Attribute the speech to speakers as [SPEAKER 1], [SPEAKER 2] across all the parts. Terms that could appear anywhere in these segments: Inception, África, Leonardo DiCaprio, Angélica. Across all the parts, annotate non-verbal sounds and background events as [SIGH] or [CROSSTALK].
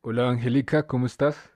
[SPEAKER 1] Hola Angélica, ¿cómo estás?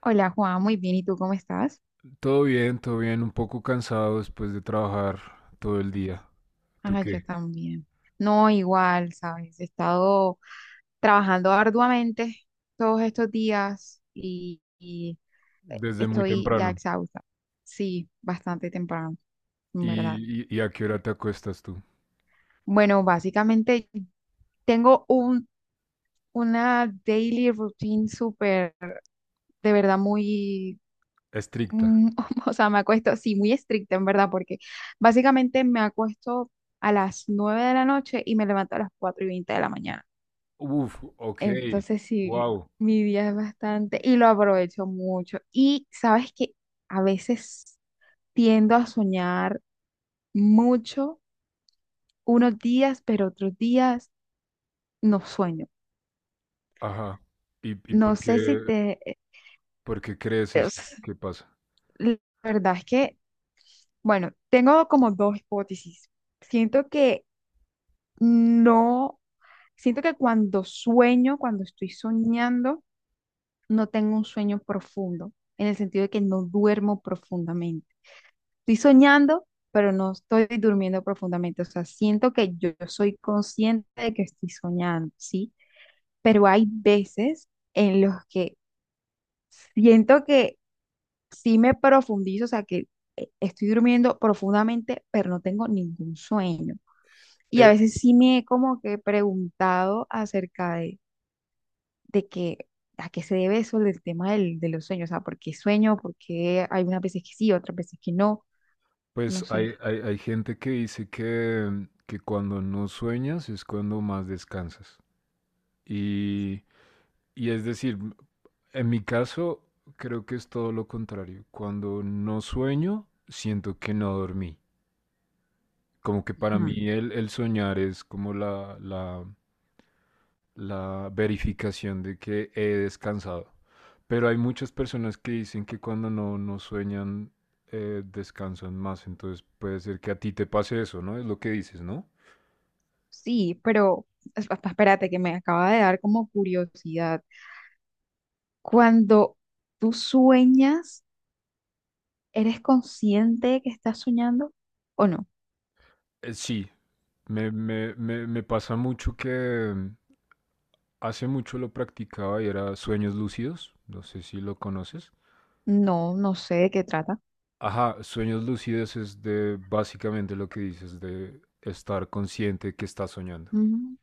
[SPEAKER 2] Hola Juan, muy bien. ¿Y tú cómo estás?
[SPEAKER 1] Todo bien, un poco cansado después de trabajar todo el día. ¿Tú
[SPEAKER 2] Ah, yo
[SPEAKER 1] qué?
[SPEAKER 2] también. No, igual, ¿sabes? He estado trabajando arduamente todos estos días
[SPEAKER 1] Desde muy
[SPEAKER 2] estoy ya
[SPEAKER 1] temprano.
[SPEAKER 2] exhausta. Sí, bastante temprano, en verdad.
[SPEAKER 1] ¿Y a qué hora te acuestas tú?
[SPEAKER 2] Bueno, básicamente tengo una daily routine súper, de verdad, muy
[SPEAKER 1] Estricta.
[SPEAKER 2] Mm, [LAUGHS] o sea, me acuesto, sí, muy estricta en verdad, porque básicamente me acuesto a las 9 de la noche y me levanto a las 4:20 de la mañana.
[SPEAKER 1] Uf, ok,
[SPEAKER 2] Entonces, sí,
[SPEAKER 1] wow,
[SPEAKER 2] mi día es bastante y lo aprovecho mucho. Y sabes que a veces tiendo a soñar mucho unos días, pero otros días no sueño.
[SPEAKER 1] ajá. ¿Y
[SPEAKER 2] No
[SPEAKER 1] por qué,
[SPEAKER 2] sé si te...
[SPEAKER 1] por qué crees eso?
[SPEAKER 2] es-
[SPEAKER 1] ¿Qué pasa?
[SPEAKER 2] [LAUGHS] la verdad es que, bueno, tengo como dos hipótesis. Siento que no. Siento que cuando sueño, cuando estoy soñando, no tengo un sueño profundo, en el sentido de que no duermo profundamente. Estoy soñando, pero no estoy durmiendo profundamente. O sea, siento que yo soy consciente de que estoy soñando, ¿sí? Pero hay veces en los que siento que sí me profundizo, o sea, que estoy durmiendo profundamente, pero no tengo ningún sueño. Y a
[SPEAKER 1] Eh,
[SPEAKER 2] veces sí me he como que preguntado acerca de que a qué se debe eso del tema del, de los sueños, o sea, por qué sueño, por qué hay unas veces que sí, otras veces que no, no
[SPEAKER 1] pues hay,
[SPEAKER 2] sé.
[SPEAKER 1] hay, hay gente que dice que cuando no sueñas es cuando más descansas. Y, Y es decir, en mi caso creo que es todo lo contrario. Cuando no sueño, siento que no dormí. Como que para
[SPEAKER 2] Ujú.
[SPEAKER 1] mí el soñar es como la verificación de que he descansado. Pero hay muchas personas que dicen que cuando no sueñan, descansan más. Entonces puede ser que a ti te pase eso, ¿no? Es lo que dices, ¿no?
[SPEAKER 2] Sí, pero espérate que me acaba de dar como curiosidad. Cuando tú sueñas, ¿eres consciente de que estás soñando o no?
[SPEAKER 1] Sí, me pasa mucho Hace mucho lo practicaba y era sueños lúcidos, no sé si lo conoces.
[SPEAKER 2] No, no sé de qué trata.
[SPEAKER 1] Ajá, sueños lúcidos es de básicamente lo que dices de estar consciente que estás soñando.
[SPEAKER 2] Mm.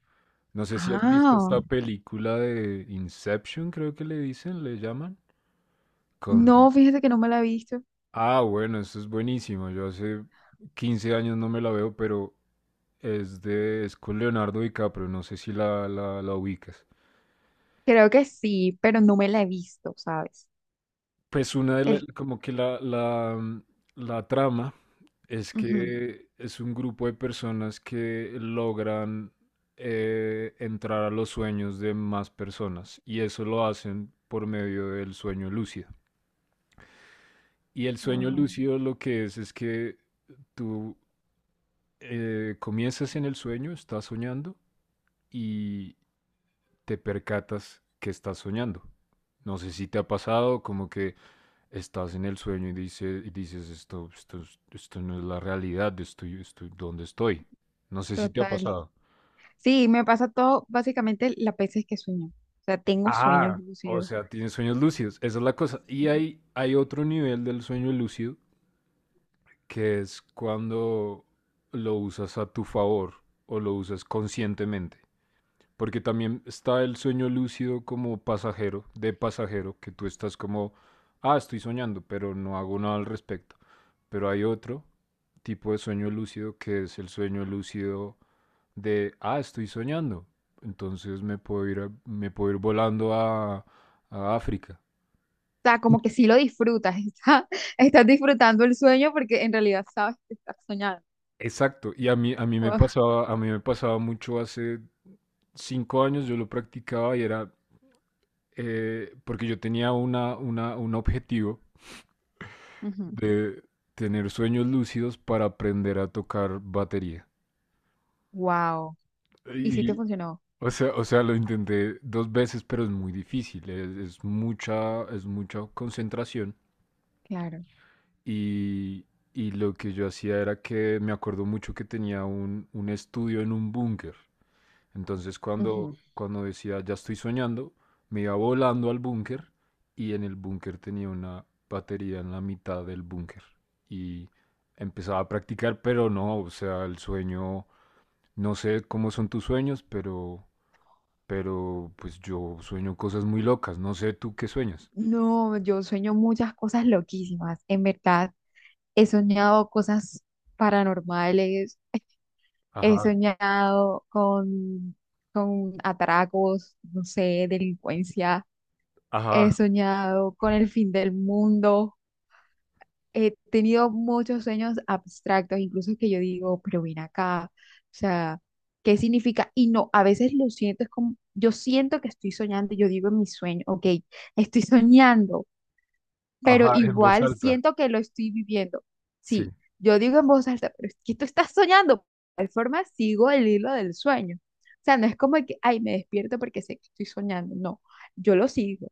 [SPEAKER 1] No sé si has visto
[SPEAKER 2] Ah,
[SPEAKER 1] esta película de Inception, creo que le dicen, le llaman, con...
[SPEAKER 2] no, fíjate que no me la he visto.
[SPEAKER 1] Ah, bueno, eso es buenísimo. Yo hace 15 años no me la veo, pero es con Leonardo DiCaprio, no sé si la ubicas.
[SPEAKER 2] Creo que sí, pero no me la he visto, ¿sabes?
[SPEAKER 1] Pues
[SPEAKER 2] El,
[SPEAKER 1] como que la trama es
[SPEAKER 2] ujú,
[SPEAKER 1] que es un grupo de personas que logran entrar a los sueños de más personas y eso lo hacen por medio del sueño lúcido. Y el sueño
[SPEAKER 2] wow,
[SPEAKER 1] lúcido lo que es que tú comienzas en el sueño, estás soñando y te percatas que estás soñando. No sé si te ha pasado, como que estás en el sueño y dices, esto no es la realidad, ¿dónde estoy? No sé si te ha
[SPEAKER 2] total.
[SPEAKER 1] pasado.
[SPEAKER 2] Sí, me pasa todo, básicamente las veces que sueño. O sea, tengo sueños
[SPEAKER 1] Ah, o
[SPEAKER 2] lúcidos.
[SPEAKER 1] sea, tienes sueños lúcidos, esa es la cosa. Y
[SPEAKER 2] Y...
[SPEAKER 1] hay otro nivel del sueño lúcido, que es cuando lo usas a tu favor o lo usas conscientemente. Porque también está el sueño lúcido como pasajero, de pasajero, que tú estás como, ah, estoy soñando, pero no hago nada al respecto. Pero hay otro tipo de sueño lúcido que es el sueño lúcido de, ah, estoy soñando. Entonces me puedo ir volando a África.
[SPEAKER 2] O sea, como que sí lo disfrutas, [LAUGHS] está- estás disfrutando el sueño porque en realidad sabes que estás soñando.
[SPEAKER 1] Exacto. Y
[SPEAKER 2] [LAUGHS]
[SPEAKER 1] a mí me pasaba mucho hace 5 años, yo lo practicaba y porque yo tenía un objetivo
[SPEAKER 2] Ujú.
[SPEAKER 1] de tener sueños lúcidos para aprender a tocar batería.
[SPEAKER 2] Wow. ¿Y sí te
[SPEAKER 1] Y,
[SPEAKER 2] funcionó?
[SPEAKER 1] o sea, lo intenté 2 veces, pero es muy difícil. Es mucha concentración
[SPEAKER 2] Claro.
[SPEAKER 1] Y, y lo que yo hacía era que me acuerdo mucho que tenía un estudio en un búnker. Entonces
[SPEAKER 2] Ujú.
[SPEAKER 1] cuando decía, ya estoy soñando, me iba volando al búnker y en el búnker tenía una batería en la mitad del búnker. Y empezaba a practicar, pero no, o sea, el sueño, no sé cómo son tus sueños, pero pues yo sueño cosas muy locas, no sé tú qué sueñas.
[SPEAKER 2] No, yo sueño muchas cosas loquísimas. En verdad, he soñado cosas paranormales. He
[SPEAKER 1] Ajá,
[SPEAKER 2] soñado con atracos, no sé, delincuencia. He
[SPEAKER 1] ajá,
[SPEAKER 2] soñado con el fin del mundo. He tenido muchos sueños abstractos, incluso que yo digo, pero ven acá, o sea, ¿qué significa? Y no, a veces lo siento, es como, yo siento que estoy soñando, yo digo en mi sueño, ok, estoy [LAUGHS] soñando, pero
[SPEAKER 1] ajá, en voz
[SPEAKER 2] igual
[SPEAKER 1] alta.
[SPEAKER 2] siento que lo estoy viviendo.
[SPEAKER 1] Sí.
[SPEAKER 2] Sí, yo digo en voz alta, pero es que tú estás soñando. De tal forma sigo el hilo del sueño. O sea, no es como que, ay, me despierto porque sé que estoy soñando. No, yo lo sigo.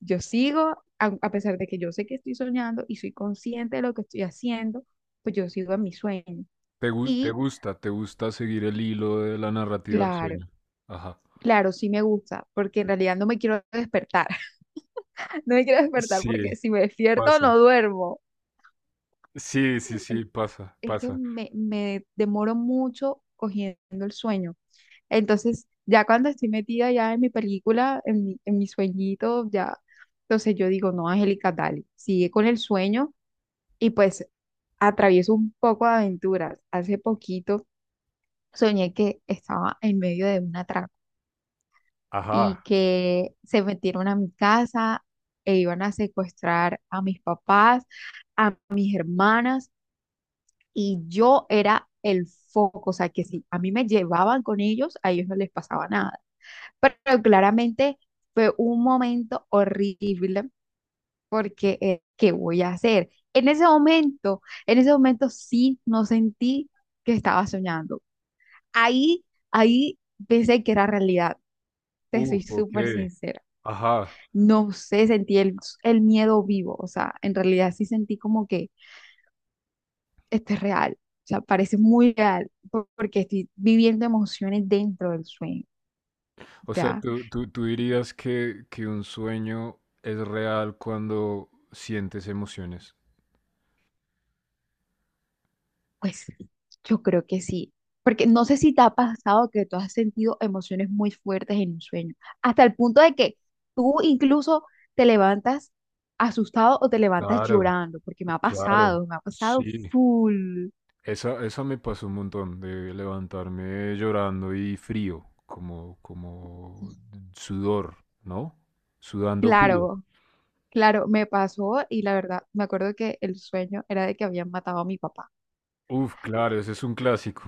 [SPEAKER 2] Yo sigo, a pesar de que yo sé que estoy soñando y soy consciente de lo que estoy haciendo, pues yo sigo en mi sueño.
[SPEAKER 1] ¿Te
[SPEAKER 2] Y
[SPEAKER 1] gusta? ¿Te gusta seguir el hilo de la narrativa del
[SPEAKER 2] claro,
[SPEAKER 1] sueño? Ajá.
[SPEAKER 2] claro, sí me gusta, porque en realidad no me quiero despertar. [LAUGHS] No me quiero despertar
[SPEAKER 1] Sí,
[SPEAKER 2] porque si me despierto
[SPEAKER 1] pasa.
[SPEAKER 2] no duermo.
[SPEAKER 1] Sí, sí, sí, pasa,
[SPEAKER 2] Es que
[SPEAKER 1] pasa.
[SPEAKER 2] me demoro mucho cogiendo el sueño. Entonces, ya cuando estoy metida ya en mi película, en mi sueñito, ya, entonces yo digo, no, Angélica, dale, sigue con el sueño y pues atravieso un poco de aventuras. Hace poquito soñé que estaba en medio de un atraco y
[SPEAKER 1] Ajá.
[SPEAKER 2] que se metieron a mi casa e iban a secuestrar a mis papás, a mis hermanas y yo era el foco, o sea, que si a mí me llevaban con ellos, a ellos no les pasaba nada. Pero claramente fue un momento horrible porque ¿qué voy a hacer? En ese momento sí no sentí que estaba soñando. Ahí, ahí pensé que era realidad, te soy
[SPEAKER 1] Uf, ok.
[SPEAKER 2] súper sincera.
[SPEAKER 1] Ajá.
[SPEAKER 2] No sé, sentí el miedo vivo, o sea, en realidad sí sentí como que esto es real, o sea, parece muy real porque estoy viviendo emociones dentro del sueño,
[SPEAKER 1] O sea,
[SPEAKER 2] ¿ya?
[SPEAKER 1] tú dirías que un sueño es real cuando sientes emociones.
[SPEAKER 2] Pues yo creo que sí, porque no sé si te ha pasado que tú has sentido emociones muy fuertes en un sueño, hasta el punto de que tú incluso te levantas asustado o te levantas
[SPEAKER 1] Claro,
[SPEAKER 2] llorando, porque
[SPEAKER 1] claro.
[SPEAKER 2] me ha pasado
[SPEAKER 1] Sí.
[SPEAKER 2] full.
[SPEAKER 1] Esa me pasó un montón de levantarme llorando y frío, como sudor, ¿no? Sudando frío.
[SPEAKER 2] Claro, claro, me pasó y la verdad, me acuerdo que el sueño era de que habían matado a mi papá.
[SPEAKER 1] Uf, claro, ese es un clásico.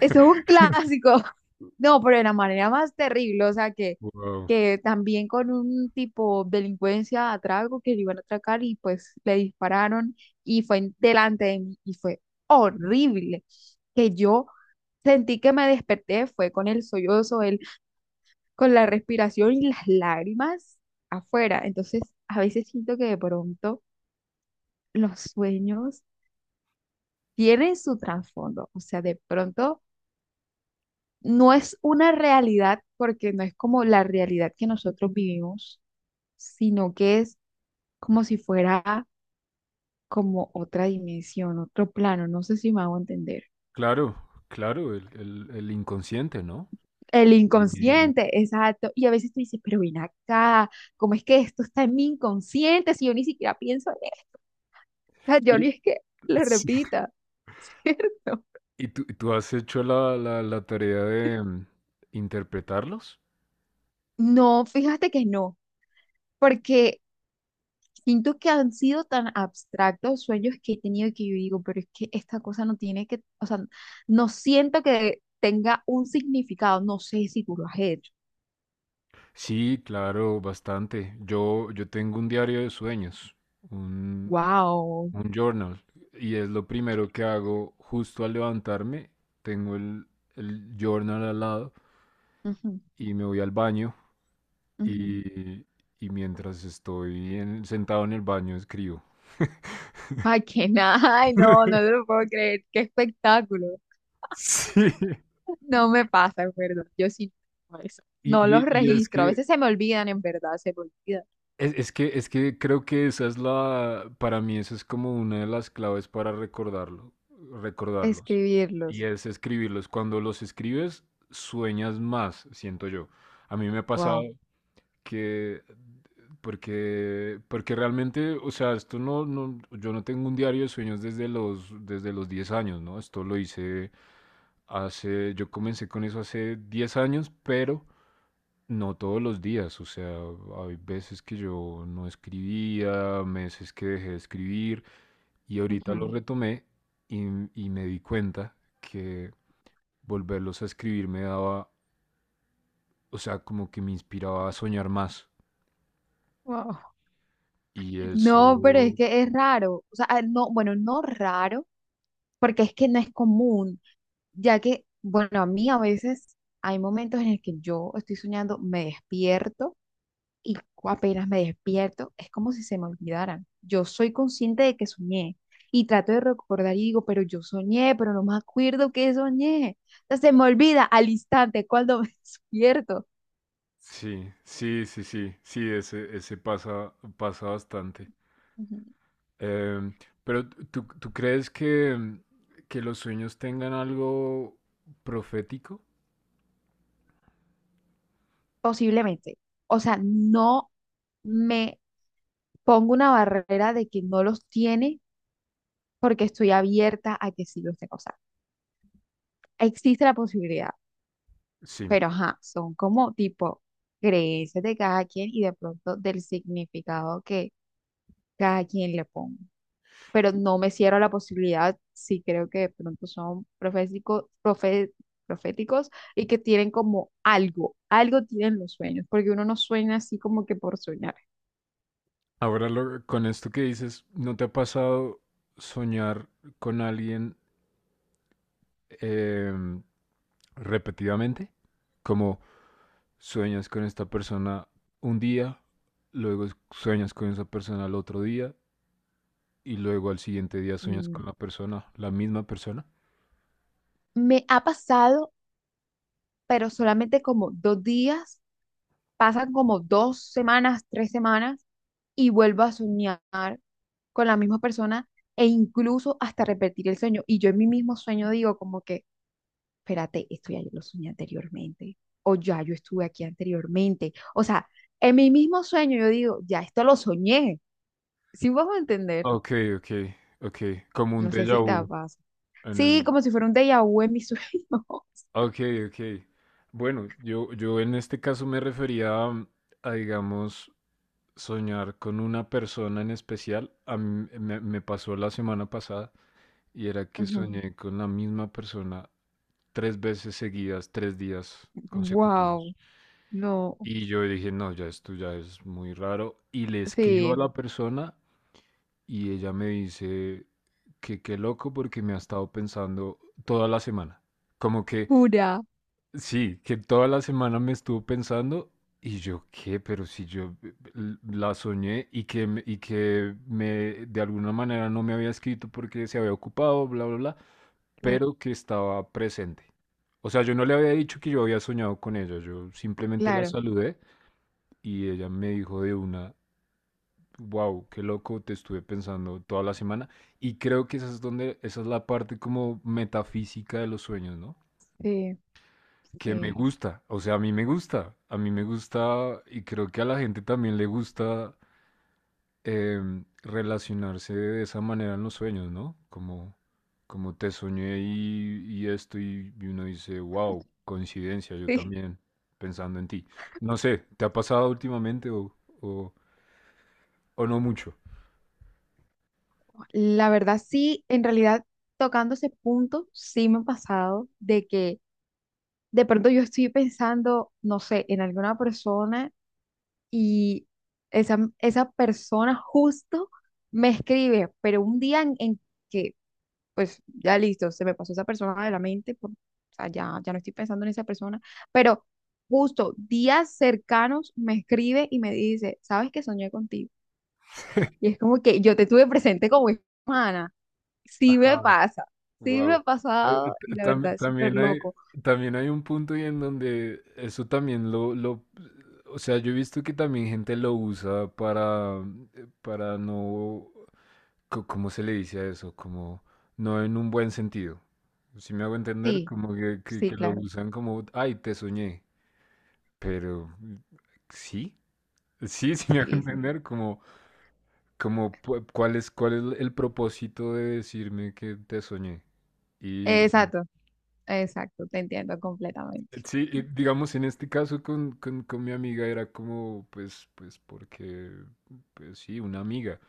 [SPEAKER 2] Eso es un clásico. [LAUGHS] No, pero de la manera más terrible, o sea, que,
[SPEAKER 1] Wow,
[SPEAKER 2] que también con un tipo de delincuencia a trago que le iban a atracar y pues le dispararon y fue delante de mí y fue horrible. Que yo sentí que me desperté, fue con el sollozo, con la respiración y las lágrimas afuera. Entonces, a veces siento que de pronto los sueños tienen su trasfondo, o sea, de pronto no es una realidad porque no es como la realidad que nosotros vivimos, sino que es como si fuera como otra dimensión, otro plano, no sé si me hago entender.
[SPEAKER 1] claro, claro, el inconsciente, ¿no?
[SPEAKER 2] El
[SPEAKER 1] Y,
[SPEAKER 2] inconsciente, exacto. Y a veces tú dices, pero ven acá, ¿cómo es que esto está en mi inconsciente si yo ni siquiera pienso en esto? [LAUGHS] Yo ni
[SPEAKER 1] y-
[SPEAKER 2] es que lo
[SPEAKER 1] sí.
[SPEAKER 2] repita, [LAUGHS] ¿cierto?
[SPEAKER 1] ¿Y tú has hecho la tarea de interpretarlos?
[SPEAKER 2] No, fíjate que no, porque siento que han sido tan abstractos sueños que he tenido que yo digo, pero es que esta cosa no tiene que, o sea, no siento que tenga un significado, no sé si tú lo has hecho.
[SPEAKER 1] Sí, claro, bastante. Yo tengo un diario de sueños, un,
[SPEAKER 2] Wow.
[SPEAKER 1] un journal, y es lo primero que hago justo al levantarme. Tengo el journal al lado
[SPEAKER 2] Ujú,
[SPEAKER 1] y me voy al baño
[SPEAKER 2] ujú.
[SPEAKER 1] y, y mientras sentado en el baño escribo.
[SPEAKER 2] Ay, que [LAUGHS] nada, ay, no, no
[SPEAKER 1] [LAUGHS]
[SPEAKER 2] te lo puedo creer, qué espectáculo.
[SPEAKER 1] Sí.
[SPEAKER 2] No me pasa, en verdad, yo sí no hago eso.
[SPEAKER 1] Y,
[SPEAKER 2] No los
[SPEAKER 1] y- y es
[SPEAKER 2] registro, a
[SPEAKER 1] que,
[SPEAKER 2] veces se me olvidan, en verdad, se me olvida
[SPEAKER 1] es, es que, es que creo que para mí esa es como una de las claves para recordarlos. Y
[SPEAKER 2] escribirlos.
[SPEAKER 1] es escribirlos. Cuando los escribes, sueñas más, siento yo. A mí me ha pasado
[SPEAKER 2] Wow.
[SPEAKER 1] que, porque realmente, o sea, esto yo no tengo un diario de sueños desde los 10 años, ¿no? Esto lo hice. Yo comencé con eso hace 10 años, pero no todos los días. O sea, hay veces que yo no escribía, meses que dejé de escribir y ahorita lo
[SPEAKER 2] Ujú.
[SPEAKER 1] retomé y, y me di cuenta que volverlos a escribir me daba, o sea, como que me inspiraba a soñar más.
[SPEAKER 2] Wow.
[SPEAKER 1] Y eso,
[SPEAKER 2] No, pero es que es raro, o sea, ah, no, bueno, no raro, porque es que no es común, ya que, bueno, a mí a veces hay momentos en el que yo estoy soñando, me despierto y apenas me despierto, es como si se me olvidaran. Yo soy consciente de que soñé y trato de recordar y digo, pero yo soñé, pero no me acuerdo que soñé. O sea, se me olvida al instante cuando [LAUGHS] me despierto.
[SPEAKER 1] sí, sí, sí, sí, sí, ese pasa, pasa bastante.
[SPEAKER 2] Ujú.
[SPEAKER 1] Em, pero ¿tú crees que los sueños tengan algo profético?
[SPEAKER 2] Posiblemente. O sea, no me pongo una barrera de que no los tiene porque estoy abierta a que sí los tenga. O sea, existe la posibilidad,
[SPEAKER 1] Sí.
[SPEAKER 2] pero ajá, son como tipo creencias de cada quien y de pronto del significado que cada quien le ponga. Pero no me cierro a la posibilidad, sí creo que de pronto son proféticos y que tienen como algo, algo tienen los sueños, porque uno no sueña así como que por soñar.
[SPEAKER 1] Ahora con esto que dices, ¿no te ha pasado soñar con alguien em, repetidamente? Como sueñas con esta persona un día, luego sueñas con esa persona al otro día y luego al siguiente día sueñas con
[SPEAKER 2] Mm.
[SPEAKER 1] la misma persona.
[SPEAKER 2] Me ha pasado, pero solamente como 2 días, pasan como 2 semanas, 3 semanas y vuelvo a soñar con la misma persona e incluso hasta repetir el sueño. Y yo en mi mismo sueño digo como que, espérate, esto ya yo lo soñé anteriormente, o ya yo estuve aquí anteriormente. O sea, en mi mismo sueño yo digo, ya esto lo soñé. ¿Sí vas a entender?
[SPEAKER 1] Ok, ok, ok. Como un
[SPEAKER 2] No sé si
[SPEAKER 1] déjà
[SPEAKER 2] te
[SPEAKER 1] vu
[SPEAKER 2] pasa.
[SPEAKER 1] en
[SPEAKER 2] Sí,
[SPEAKER 1] el...
[SPEAKER 2] como si fuera un déjà vu en mi sueño.
[SPEAKER 1] Ok, ok. Bueno, yo en este caso me refería a, digamos, soñar con una persona en especial. A mí me pasó la semana pasada y era que
[SPEAKER 2] [LAUGHS]
[SPEAKER 1] soñé con la misma persona 3 veces seguidas, 3 días consecutivos.
[SPEAKER 2] Wow, no,
[SPEAKER 1] Y yo dije, no, ya esto ya es muy raro. Y le escribo a
[SPEAKER 2] sí,
[SPEAKER 1] la persona y ella me dice que qué loco porque me ha estado pensando toda la semana. Como que...
[SPEAKER 2] jura.
[SPEAKER 1] Sí, que toda la semana me estuvo pensando y yo qué, pero si yo la soñé y que me de alguna manera no me había escrito porque se había ocupado, bla, bla, bla,
[SPEAKER 2] Claro,
[SPEAKER 1] pero que estaba presente. O sea, yo no le había dicho que yo había soñado con ella, yo simplemente la
[SPEAKER 2] claro,
[SPEAKER 1] saludé y ella me dijo de una, wow, qué loco, te estuve pensando toda la semana y creo que esa es la parte como metafísica de los sueños, ¿no?
[SPEAKER 2] sí,
[SPEAKER 1] Que me
[SPEAKER 2] sí.
[SPEAKER 1] gusta, o sea, a mí me gusta, a mí me gusta y creo que a la gente también le gusta relacionarse de esa manera en los sueños, ¿no? Como te soñé y esto y uno dice, wow, coincidencia, yo
[SPEAKER 2] Sí.
[SPEAKER 1] también pensando en ti. No sé, ¿te ha pasado últimamente o, o no mucho?
[SPEAKER 2] La verdad, sí, en realidad, tocando ese punto, sí me ha pasado de que de pronto yo estoy pensando, no sé, en alguna persona y esa persona justo me escribe, pero un día en que, pues ya listo, se me pasó esa persona de la mente, o sea, ya no estoy pensando en esa persona, pero justo días cercanos me escribe y me dice, ¿sabes que soñé contigo? Y es como que yo te tuve presente como hermana. Sí me
[SPEAKER 1] Ajá.
[SPEAKER 2] pasa, sí me ha
[SPEAKER 1] Wow.
[SPEAKER 2] pasado y la verdad es súper
[SPEAKER 1] también hay,
[SPEAKER 2] loco.
[SPEAKER 1] también hay un punto y en donde eso también o sea, yo he visto que también gente lo para no, co- ¿cómo se le dice a eso? Como no en un buen sentido. Si me hago entender,
[SPEAKER 2] Sí,
[SPEAKER 1] como que, que,
[SPEAKER 2] sí,
[SPEAKER 1] que lo
[SPEAKER 2] claro,
[SPEAKER 1] usan como, ay, te soñé. Pero, sí, sí, [LAUGHS] sí me hago
[SPEAKER 2] sí, sí.
[SPEAKER 1] entender, ¿cuál es el propósito de decirme que te soñé?
[SPEAKER 2] Exacto, exacto, te entiendo completamente.
[SPEAKER 1] Sí, y digamos en este caso con mi amiga era como, pues porque, pues sí, una amiga,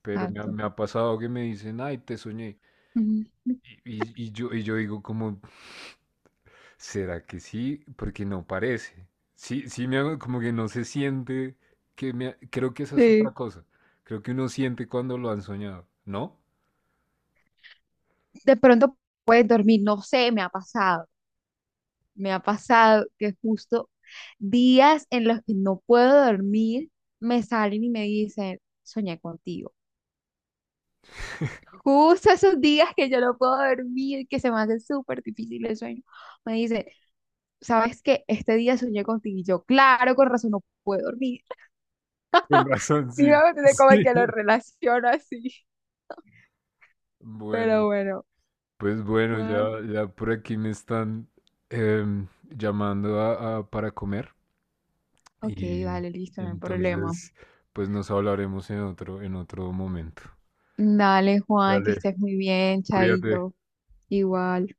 [SPEAKER 1] pero me ha,
[SPEAKER 2] Exacto.
[SPEAKER 1] me ha pasado que me dicen, ay, te soñé.
[SPEAKER 2] Ujú.
[SPEAKER 1] Y yo digo como, ¿será que sí? Porque no parece. Sí, sí, me hago como que no se siente Creo que esa es otra
[SPEAKER 2] Sí.
[SPEAKER 1] cosa. Creo que uno siente cuando lo han soñado, ¿no?
[SPEAKER 2] De pronto puedes dormir, no sé, me ha pasado, que justo días en los que no puedo dormir me salen y me dicen, soñé contigo. Justo esos días que yo no puedo dormir, que se me hace súper difícil el sueño, me dicen sabes que este día soñé contigo y yo, claro, con razón no puedo dormir. [LAUGHS]
[SPEAKER 1] Con razón,
[SPEAKER 2] Sí,
[SPEAKER 1] sí.
[SPEAKER 2] me
[SPEAKER 1] [LAUGHS]
[SPEAKER 2] entiendes como
[SPEAKER 1] Sí.
[SPEAKER 2] que lo relaciono así.
[SPEAKER 1] Bueno.
[SPEAKER 2] Pero bueno,
[SPEAKER 1] Pues bueno,
[SPEAKER 2] Juan.
[SPEAKER 1] ya por aquí me están llamando para comer
[SPEAKER 2] Ok,
[SPEAKER 1] y
[SPEAKER 2] vale, listo, no hay problema.
[SPEAKER 1] entonces pues nos hablaremos en otro momento.
[SPEAKER 2] Dale, Juan, que
[SPEAKER 1] Dale,
[SPEAKER 2] estés muy bien,
[SPEAKER 1] cuídate.
[SPEAKER 2] chaito. Igual.